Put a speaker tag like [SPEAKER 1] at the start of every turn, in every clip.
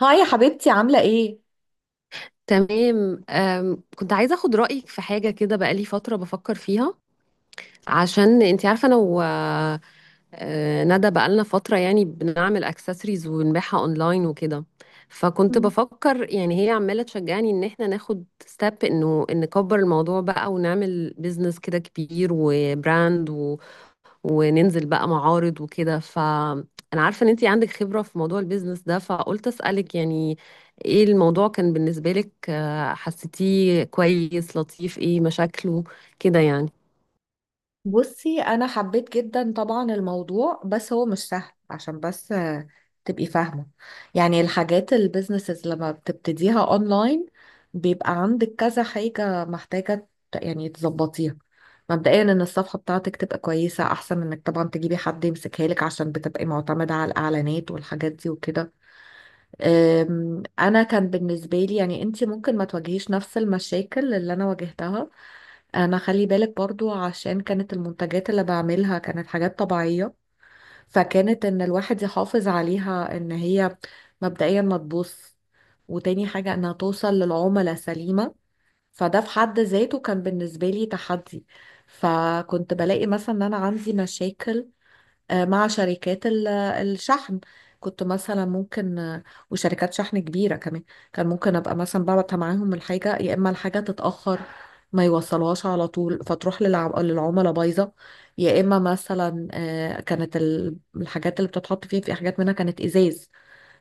[SPEAKER 1] هاي يا حبيبتي، عاملة ايه؟
[SPEAKER 2] تمام. كنت عايزة أخد رأيك في حاجة كده، بقالي فترة بفكر فيها. عشان أنت عارفة أنا و آه، ندى بقالنا فترة يعني بنعمل أكسسوارز ونبيعها أونلاين وكده. فكنت
[SPEAKER 1] مم.
[SPEAKER 2] بفكر، يعني هي عمالة تشجعني إن إحنا ناخد ستيب إنه إن نكبر الموضوع بقى ونعمل بيزنس كده كبير وبراند، وننزل بقى معارض وكده. فانا عارفة ان انتي عندك خبرة في موضوع البيزنس ده، فقلت اسألك يعني ايه الموضوع كان بالنسبة لك، حسيتيه كويس، لطيف، ايه مشاكله كده يعني.
[SPEAKER 1] بصي انا حبيت جدا طبعا الموضوع، بس هو مش سهل. عشان بس تبقي فاهمة، يعني الحاجات البيزنسز لما بتبتديها اونلاين، بيبقى عندك كذا حاجة محتاجة يعني تظبطيها. مبدئيا ان الصفحة بتاعتك تبقى كويسة، احسن من انك طبعا تجيبي حد يمسكها لك، عشان بتبقي معتمدة على الاعلانات والحاجات دي وكده. انا كان بالنسبه لي، يعني انت ممكن ما تواجهيش نفس المشاكل اللي انا واجهتها. انا خلي بالك برضو، عشان كانت المنتجات اللي بعملها كانت حاجات طبيعيه، فكانت ان الواحد يحافظ عليها ان هي مبدئيا ما تبوظ، وتاني حاجه انها توصل للعملاء سليمه. فده في حد ذاته كان بالنسبه لي تحدي. فكنت بلاقي مثلا ان انا عندي مشاكل مع شركات الشحن. كنت مثلا ممكن وشركات شحن كبيرة كمان، كان ممكن أبقى مثلا ببعت معاهم الحاجة، يا إما الحاجة تتأخر، ما يوصلوهاش على طول، فتروح للعملاء بايظة. يا إما مثلا كانت الحاجات اللي بتتحط فيها، في حاجات منها كانت إزاز،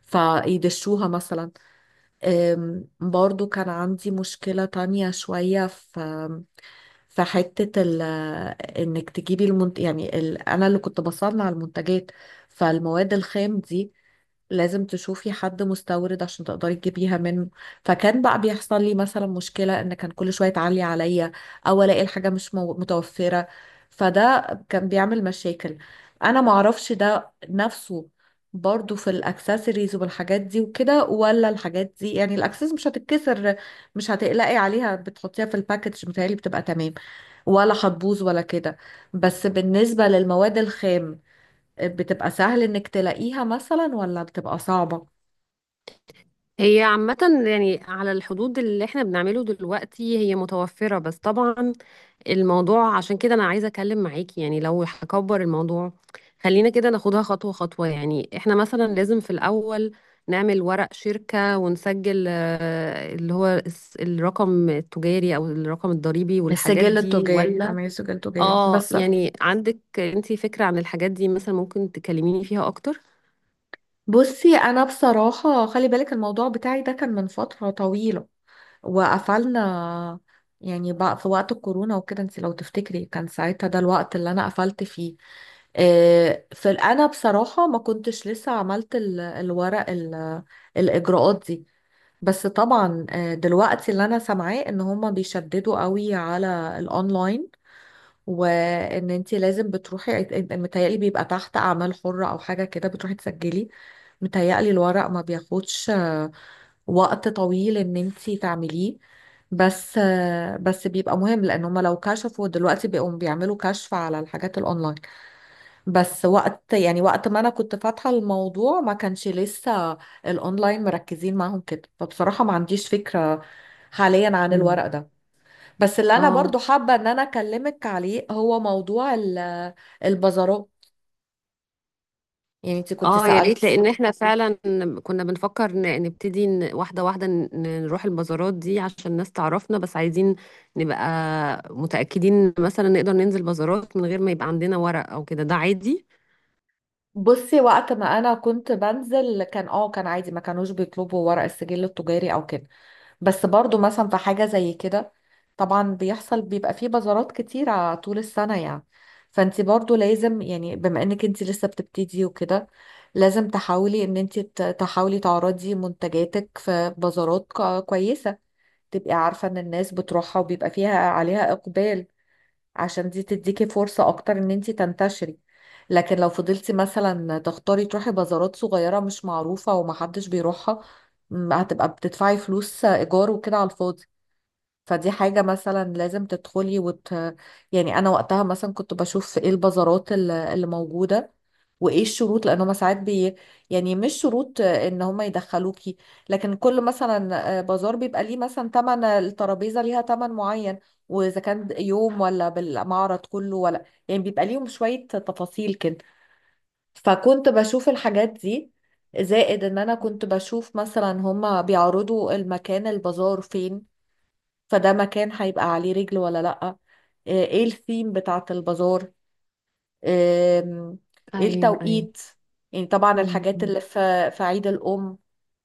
[SPEAKER 1] فيدشوها مثلا. برضو كان عندي مشكلة تانية شوية في في حتة ال، انك تجيبي المنت، يعني ال، انا اللي كنت بصنع المنتجات، فالمواد الخام دي لازم تشوفي حد مستورد عشان تقدري تجيبيها منه. فكان بقى بيحصل لي مثلا مشكلة ان كان كل شوية تعلي عليا، او الاقي الحاجة مش متوفرة. فده كان بيعمل مشاكل. انا معرفش ده نفسه برضو في الاكسسوارز والحاجات دي وكده، ولا الحاجات دي، يعني الاكسسوارز مش هتتكسر، مش هتقلقي عليها، بتحطيها في الباكج متهيألي بتبقى تمام، ولا هتبوظ ولا كده. بس بالنسبة للمواد الخام، بتبقى سهل انك تلاقيها مثلا، ولا بتبقى صعبة؟
[SPEAKER 2] هي عامة يعني على الحدود اللي احنا بنعمله دلوقتي هي متوفرة، بس طبعا الموضوع عشان كده انا عايزة اتكلم معاكي، يعني لو هكبر الموضوع خلينا كده ناخدها خطوة خطوة. يعني احنا مثلا لازم في الاول نعمل ورق شركة ونسجل، الرقم التجاري او الرقم الضريبي والحاجات
[SPEAKER 1] السجل
[SPEAKER 2] دي،
[SPEAKER 1] التجاري،
[SPEAKER 2] ولا؟
[SPEAKER 1] عملية سجل تجاري
[SPEAKER 2] اه.
[SPEAKER 1] بس.
[SPEAKER 2] يعني عندك انتي فكرة عن الحاجات دي؟ مثلا ممكن تكلميني فيها اكتر.
[SPEAKER 1] بصي انا بصراحة خلي بالك الموضوع بتاعي ده كان من فترة طويلة وقفلنا، يعني بقى في وقت الكورونا وكده، انت لو تفتكري كان ساعتها ده الوقت اللي انا قفلت فيه. في، انا بصراحة ما كنتش لسه عملت الاجراءات دي. بس طبعا دلوقتي اللي انا سامعاه ان هما بيشددوا قوي على الاونلاين، وان انتي لازم بتروحي، متهيألي بيبقى تحت اعمال حرة او حاجة كده، بتروحي تسجلي. متهيألي الورق ما بياخدش وقت طويل ان انتي تعمليه. بس بيبقى مهم، لان هما لو كشفوا دلوقتي بيقوم بيعملوا كشف على الحاجات الاونلاين. بس وقت، يعني وقت ما انا كنت فاتحة الموضوع، ما كانش لسه الاونلاين مركزين معاهم كده، فبصراحة ما عنديش فكرة حاليا عن
[SPEAKER 2] مم.
[SPEAKER 1] الورق ده. بس اللي انا
[SPEAKER 2] اه،
[SPEAKER 1] برضو حابة ان انا اكلمك عليه هو موضوع البازارات. يعني انت كنت
[SPEAKER 2] اه، يا
[SPEAKER 1] سألت.
[SPEAKER 2] ريت، لان احنا فعلا كنا بنفكر نبتدي واحده واحده، نروح البازارات دي عشان الناس تعرفنا، بس عايزين نبقى متاكدين إن مثلا نقدر ننزل بازارات من غير ما يبقى عندنا ورق او كده، ده عادي؟
[SPEAKER 1] بصي وقت ما انا كنت بنزل، كان اه كان عادي، ما كانوش بيطلبوا ورق السجل التجاري او كده. بس برضو مثلا في حاجة زي كده، طبعا بيحصل، بيبقى فيه بازارات كتيرة طول السنة يعني. فانت برضو لازم، يعني بما انك انت لسه بتبتدي وكده، لازم تحاولي ان انت تحاولي تعرضي منتجاتك في بازارات كويسة، تبقي عارفة ان الناس بتروحها وبيبقى فيها عليها اقبال، عشان دي تديكي فرصة اكتر ان انتي تنتشري. لكن لو فضلتي مثلا تختاري تروحي بازارات صغيرة مش معروفة ومحدش بيروحها، هتبقى بتدفعي فلوس ايجار وكده على الفاضي. فدي حاجة مثلا لازم تدخلي وت... يعني أنا وقتها مثلا كنت بشوف إيه البازارات اللي موجودة، وإيه الشروط، لأن هما ساعات بي... يعني مش شروط إن هما يدخلوكي، لكن كل مثلا بازار بيبقى ليه مثلا تمن، الترابيزة ليها تمن معين، وإذا كان يوم ولا بالمعرض كله ولا، يعني بيبقى ليهم شوية تفاصيل كده. فكنت بشوف الحاجات دي، زائد إن أنا كنت بشوف مثلا هما بيعرضوا المكان، البازار فين، فده مكان هيبقى عليه رجل ولا لأ، ايه الثيم بتاعة البازار، آم، ايه
[SPEAKER 2] ايوه، ايوه.
[SPEAKER 1] التوقيت. يعني طبعا الحاجات اللي في في عيد الأم،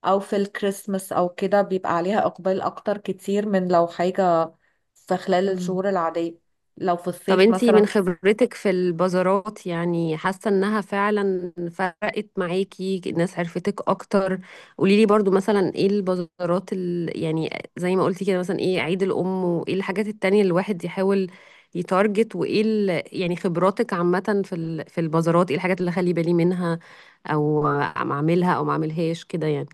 [SPEAKER 1] أو في الكريسماس أو كده، بيبقى عليها إقبال أكتر كتير من لو حاجة في خلال
[SPEAKER 2] امم.
[SPEAKER 1] الشهور العادية، لو في
[SPEAKER 2] طب
[SPEAKER 1] الصيف
[SPEAKER 2] انتي
[SPEAKER 1] مثلا.
[SPEAKER 2] من خبرتك في البازارات، يعني حاسة انها فعلا فرقت معاكي، الناس عرفتك اكتر؟ قوليلي برضو مثلا ايه البازارات يعني زي ما قلتي كده مثلا ايه، عيد الام وايه الحاجات التانية اللي الواحد يحاول يتارجت، وايه يعني خبراتك عامة في في البازارات، ايه الحاجات اللي اخلي بالي منها او ما اعملها او ما اعملهاش كده يعني.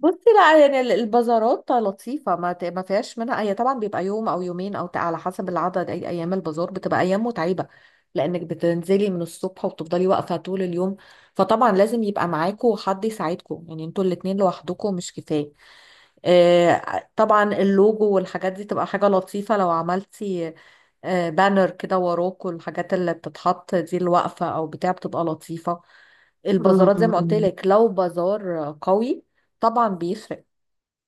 [SPEAKER 1] بصي لا يعني البازارات لطيفة، ما ما فيهاش منها. هي طبعا بيبقى يوم أو يومين أو على حسب العدد أي أيام البازار، بتبقى أيام متعبة، لأنك بتنزلي من الصبح وبتفضلي واقفة طول اليوم. فطبعا لازم يبقى معاكوا حد يساعدكوا، يعني انتوا الاتنين لوحدكوا مش كفاية. طبعا اللوجو والحاجات دي تبقى حاجة لطيفة لو عملتي بانر كده وراكوا، الحاجات اللي بتتحط دي الواقفة أو بتاع بتبقى لطيفة. البازارات زي ما قلت
[SPEAKER 2] امم.
[SPEAKER 1] لك، لو بازار قوي طبعا بيفرق.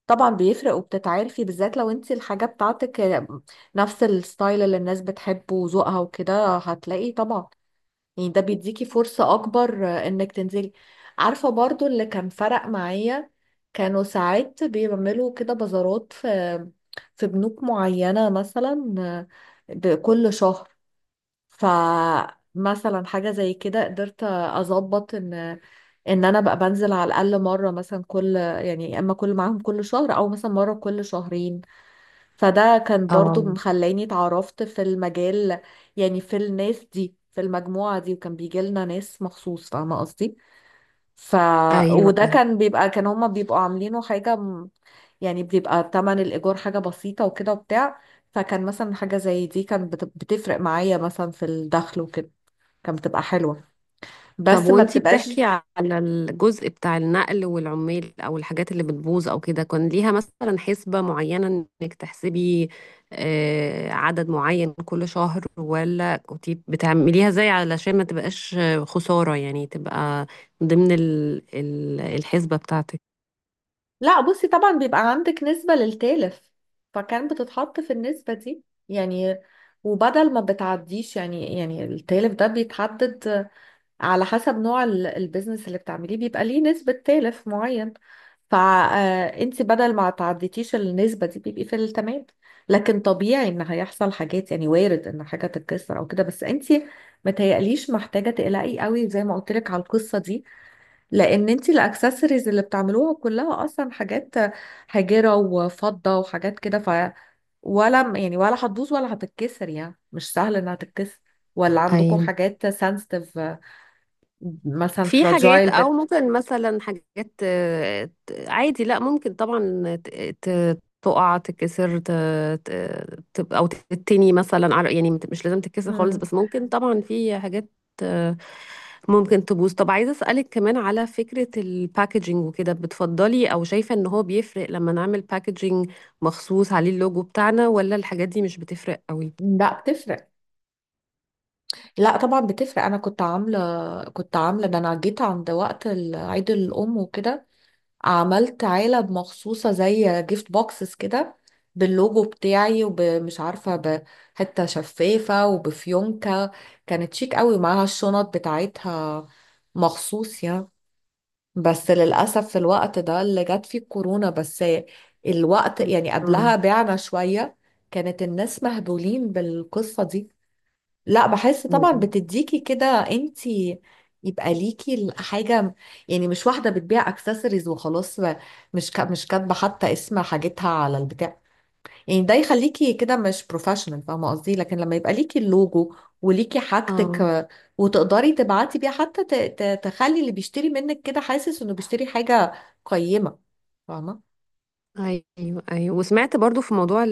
[SPEAKER 1] طبعا بيفرق وبتتعرفي، بالذات لو انت الحاجة بتاعتك نفس الستايل اللي الناس بتحبه وذوقها وكده، هتلاقي طبعا، يعني ده بيديكي فرصة اكبر انك تنزلي. عارفة برضو اللي كان فرق معايا، كانوا ساعات بيعملوا كده بازارات في في بنوك معينة مثلا بكل شهر. فمثلا حاجة زي كده قدرت اظبط ان ان انا بقى بنزل على الاقل مرة، مثلا كل، يعني يا اما كل معاهم كل شهر، او مثلا مرة كل شهرين. فده كان برضو
[SPEAKER 2] اه.
[SPEAKER 1] مخلاني اتعرفت في المجال، يعني في الناس دي في المجموعة دي، وكان بيجي لنا ناس مخصوص، فاهمة قصدي. ف،
[SPEAKER 2] ايوه.
[SPEAKER 1] وده كان بيبقى، كان هما بيبقوا عاملينه حاجة يعني بيبقى تمن الإيجار حاجة بسيطة وكده وبتاع. فكان مثلا حاجة زي دي كان بتفرق معايا مثلا في الدخل وكده، كانت بتبقى حلوة.
[SPEAKER 2] طب
[SPEAKER 1] بس ما
[SPEAKER 2] وانتي بتحكي
[SPEAKER 1] بتبقاش.
[SPEAKER 2] على الجزء بتاع النقل والعمال او الحاجات اللي بتبوظ او كده، كان ليها مثلا حسبة معينة انك تحسبي عدد معين كل شهر، ولا كنتي بتعمليها ازاي علشان ما تبقاش خسارة، يعني تبقى ضمن الحسبة بتاعتك؟
[SPEAKER 1] لا بصي طبعا بيبقى عندك نسبة للتالف، فكان بتتحط في النسبة دي، يعني وبدل ما بتعديش، يعني التالف ده بيتحدد على حسب نوع البيزنس اللي بتعمليه، بيبقى ليه نسبة تالف معين. فانت بدل ما تعديتيش النسبة دي بيبقي في التمام. لكن طبيعي ان هيحصل حاجات، يعني وارد ان حاجة تتكسر او كده، بس انت متهيأليش محتاجة تقلقي قوي زي ما قلت لك على القصة دي، لان انت الاكسسوارز اللي بتعملوها كلها اصلا حاجات حجرة وفضة وحاجات كده، ف، ولا يعني ولا هتبوظ ولا هتتكسر، يعني مش سهل انها تتكسر، ولا عندكم
[SPEAKER 2] ايوه.
[SPEAKER 1] حاجات سنسيتيف مثلا،
[SPEAKER 2] في حاجات
[SPEAKER 1] فراجايل
[SPEAKER 2] او
[SPEAKER 1] بت.
[SPEAKER 2] ممكن مثلا حاجات، عادي لا، ممكن طبعا تقع تتكسر، تبقى او تتني مثلا يعني مش لازم تتكسر خالص،
[SPEAKER 1] مم.
[SPEAKER 2] بس ممكن طبعا في حاجات، آه، ممكن تبوظ. طب عايزه اسالك كمان على فكره، الباكجينج وكده بتفضلي او شايفه ان هو بيفرق لما نعمل باكجينج مخصوص عليه اللوجو بتاعنا، ولا الحاجات دي مش بتفرق قوي؟
[SPEAKER 1] لا بتفرق، لا طبعا بتفرق. انا كنت عامله، كنت عامله، ده انا جيت عند وقت عيد الام وكده، عملت علب مخصوصة زي جيفت بوكسز كده، باللوجو بتاعي، ومش عارفة بحتة شفافة وبفيونكة، كانت شيك قوي، ومعاها الشنط بتاعتها مخصوص يعني. بس للأسف في الوقت ده اللي جت فيه الكورونا، بس الوقت يعني قبلها بعنا شوية، كانت الناس مهبولين بالقصة دي. لا بحس طبعا
[SPEAKER 2] مم.
[SPEAKER 1] بتديكي كده انتي، يبقى ليكي حاجة، يعني مش واحدة بتبيع اكسسوارز وخلاص مش كاتبة حتى اسم حاجتها على البتاع. يعني ده يخليكي كده مش بروفيشنال، فاهمة قصدي؟ لكن لما يبقى ليكي اللوجو، وليكي حاجتك
[SPEAKER 2] اه.
[SPEAKER 1] وتقدري تبعتي بيها، حتى تخلي اللي بيشتري منك كده حاسس انه بيشتري حاجة قيمة. فاهمة؟
[SPEAKER 2] ايوه، ايوه. وسمعت برضو في موضوع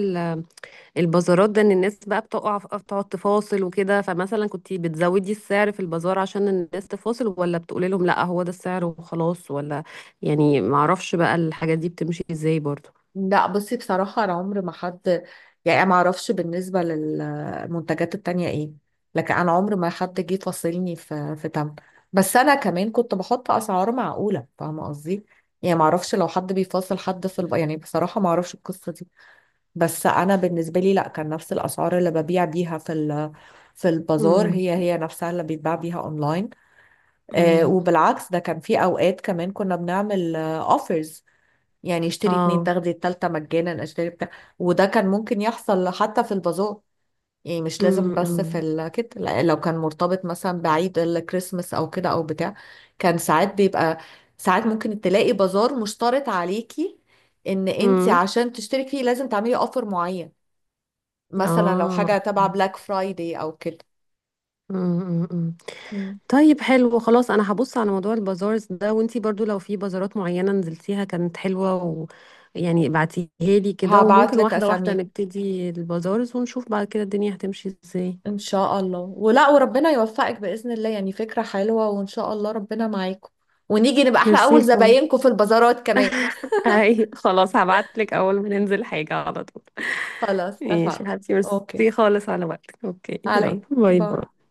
[SPEAKER 2] البازارات ده ان الناس بقى بتقع بتقعد تفاصل وكده، فمثلا كنت بتزودي السعر في البازار عشان الناس تفاصل، ولا بتقولي لهم لا هو ده السعر وخلاص، ولا يعني؟ معرفش بقى الحاجات دي بتمشي ازاي برضو.
[SPEAKER 1] لا بصي بصراحة أنا عمر ما حد، يعني ما أعرفش بالنسبة للمنتجات التانية إيه، لكن أنا عمر ما حد جه فاصلني في في تمن. بس أنا كمان كنت بحط أسعار معقولة، فاهمة قصدي، يعني ما أعرفش لو حد بيفاصل حد في الب... يعني بصراحة ما أعرفش القصة دي. بس أنا بالنسبة لي لا، كان نفس الأسعار اللي ببيع بيها في ال... في البازار
[SPEAKER 2] امم.
[SPEAKER 1] هي هي نفسها اللي بيتباع بيها أونلاين. آه
[SPEAKER 2] امم.
[SPEAKER 1] وبالعكس، ده كان في أوقات كمان كنا بنعمل أوفرز، يعني اشتري اتنين
[SPEAKER 2] اه.
[SPEAKER 1] تاخدي التالتة مجانا، اشتري بتاع. وده كان ممكن يحصل حتى في البازار، يعني مش لازم بس في
[SPEAKER 2] امم.
[SPEAKER 1] كده. لا، لو كان مرتبط مثلا بعيد الكريسماس او كده او بتاع، كان ساعات بيبقى، ساعات ممكن تلاقي بازار مشترط عليكي ان انت
[SPEAKER 2] امم.
[SPEAKER 1] عشان تشترك فيه لازم تعملي اوفر معين، مثلا لو
[SPEAKER 2] اه.
[SPEAKER 1] حاجة تبع بلاك فرايدي او كده.
[SPEAKER 2] مم، مم. طيب، حلو، خلاص انا هبص على موضوع البازارز ده، وانتي برضو لو في بازارات معينة نزلتيها كانت حلوة، و يعني ابعتيها لي كده،
[SPEAKER 1] هبعت
[SPEAKER 2] وممكن
[SPEAKER 1] لك
[SPEAKER 2] واحدة واحدة
[SPEAKER 1] اسامي
[SPEAKER 2] نبتدي البازارز ونشوف بعد كده الدنيا هتمشي ازاي.
[SPEAKER 1] ان شاء الله، ولا وربنا يوفقك باذن الله، يعني فكره حلوه وان شاء الله ربنا معاكم، ونيجي نبقى احنا
[SPEAKER 2] ميرسي
[SPEAKER 1] اول
[SPEAKER 2] خالص.
[SPEAKER 1] زباينكم في البازارات كمان.
[SPEAKER 2] اي خلاص، هبعتلك اول ما ننزل حاجة على طول.
[SPEAKER 1] خلاص
[SPEAKER 2] ماشي
[SPEAKER 1] اتفقنا.
[SPEAKER 2] يا حبيبتي،
[SPEAKER 1] اوكي.
[SPEAKER 2] ميرسي خالص على وقتك، اوكي، يلا،
[SPEAKER 1] علي
[SPEAKER 2] باي
[SPEAKER 1] باي.
[SPEAKER 2] باي.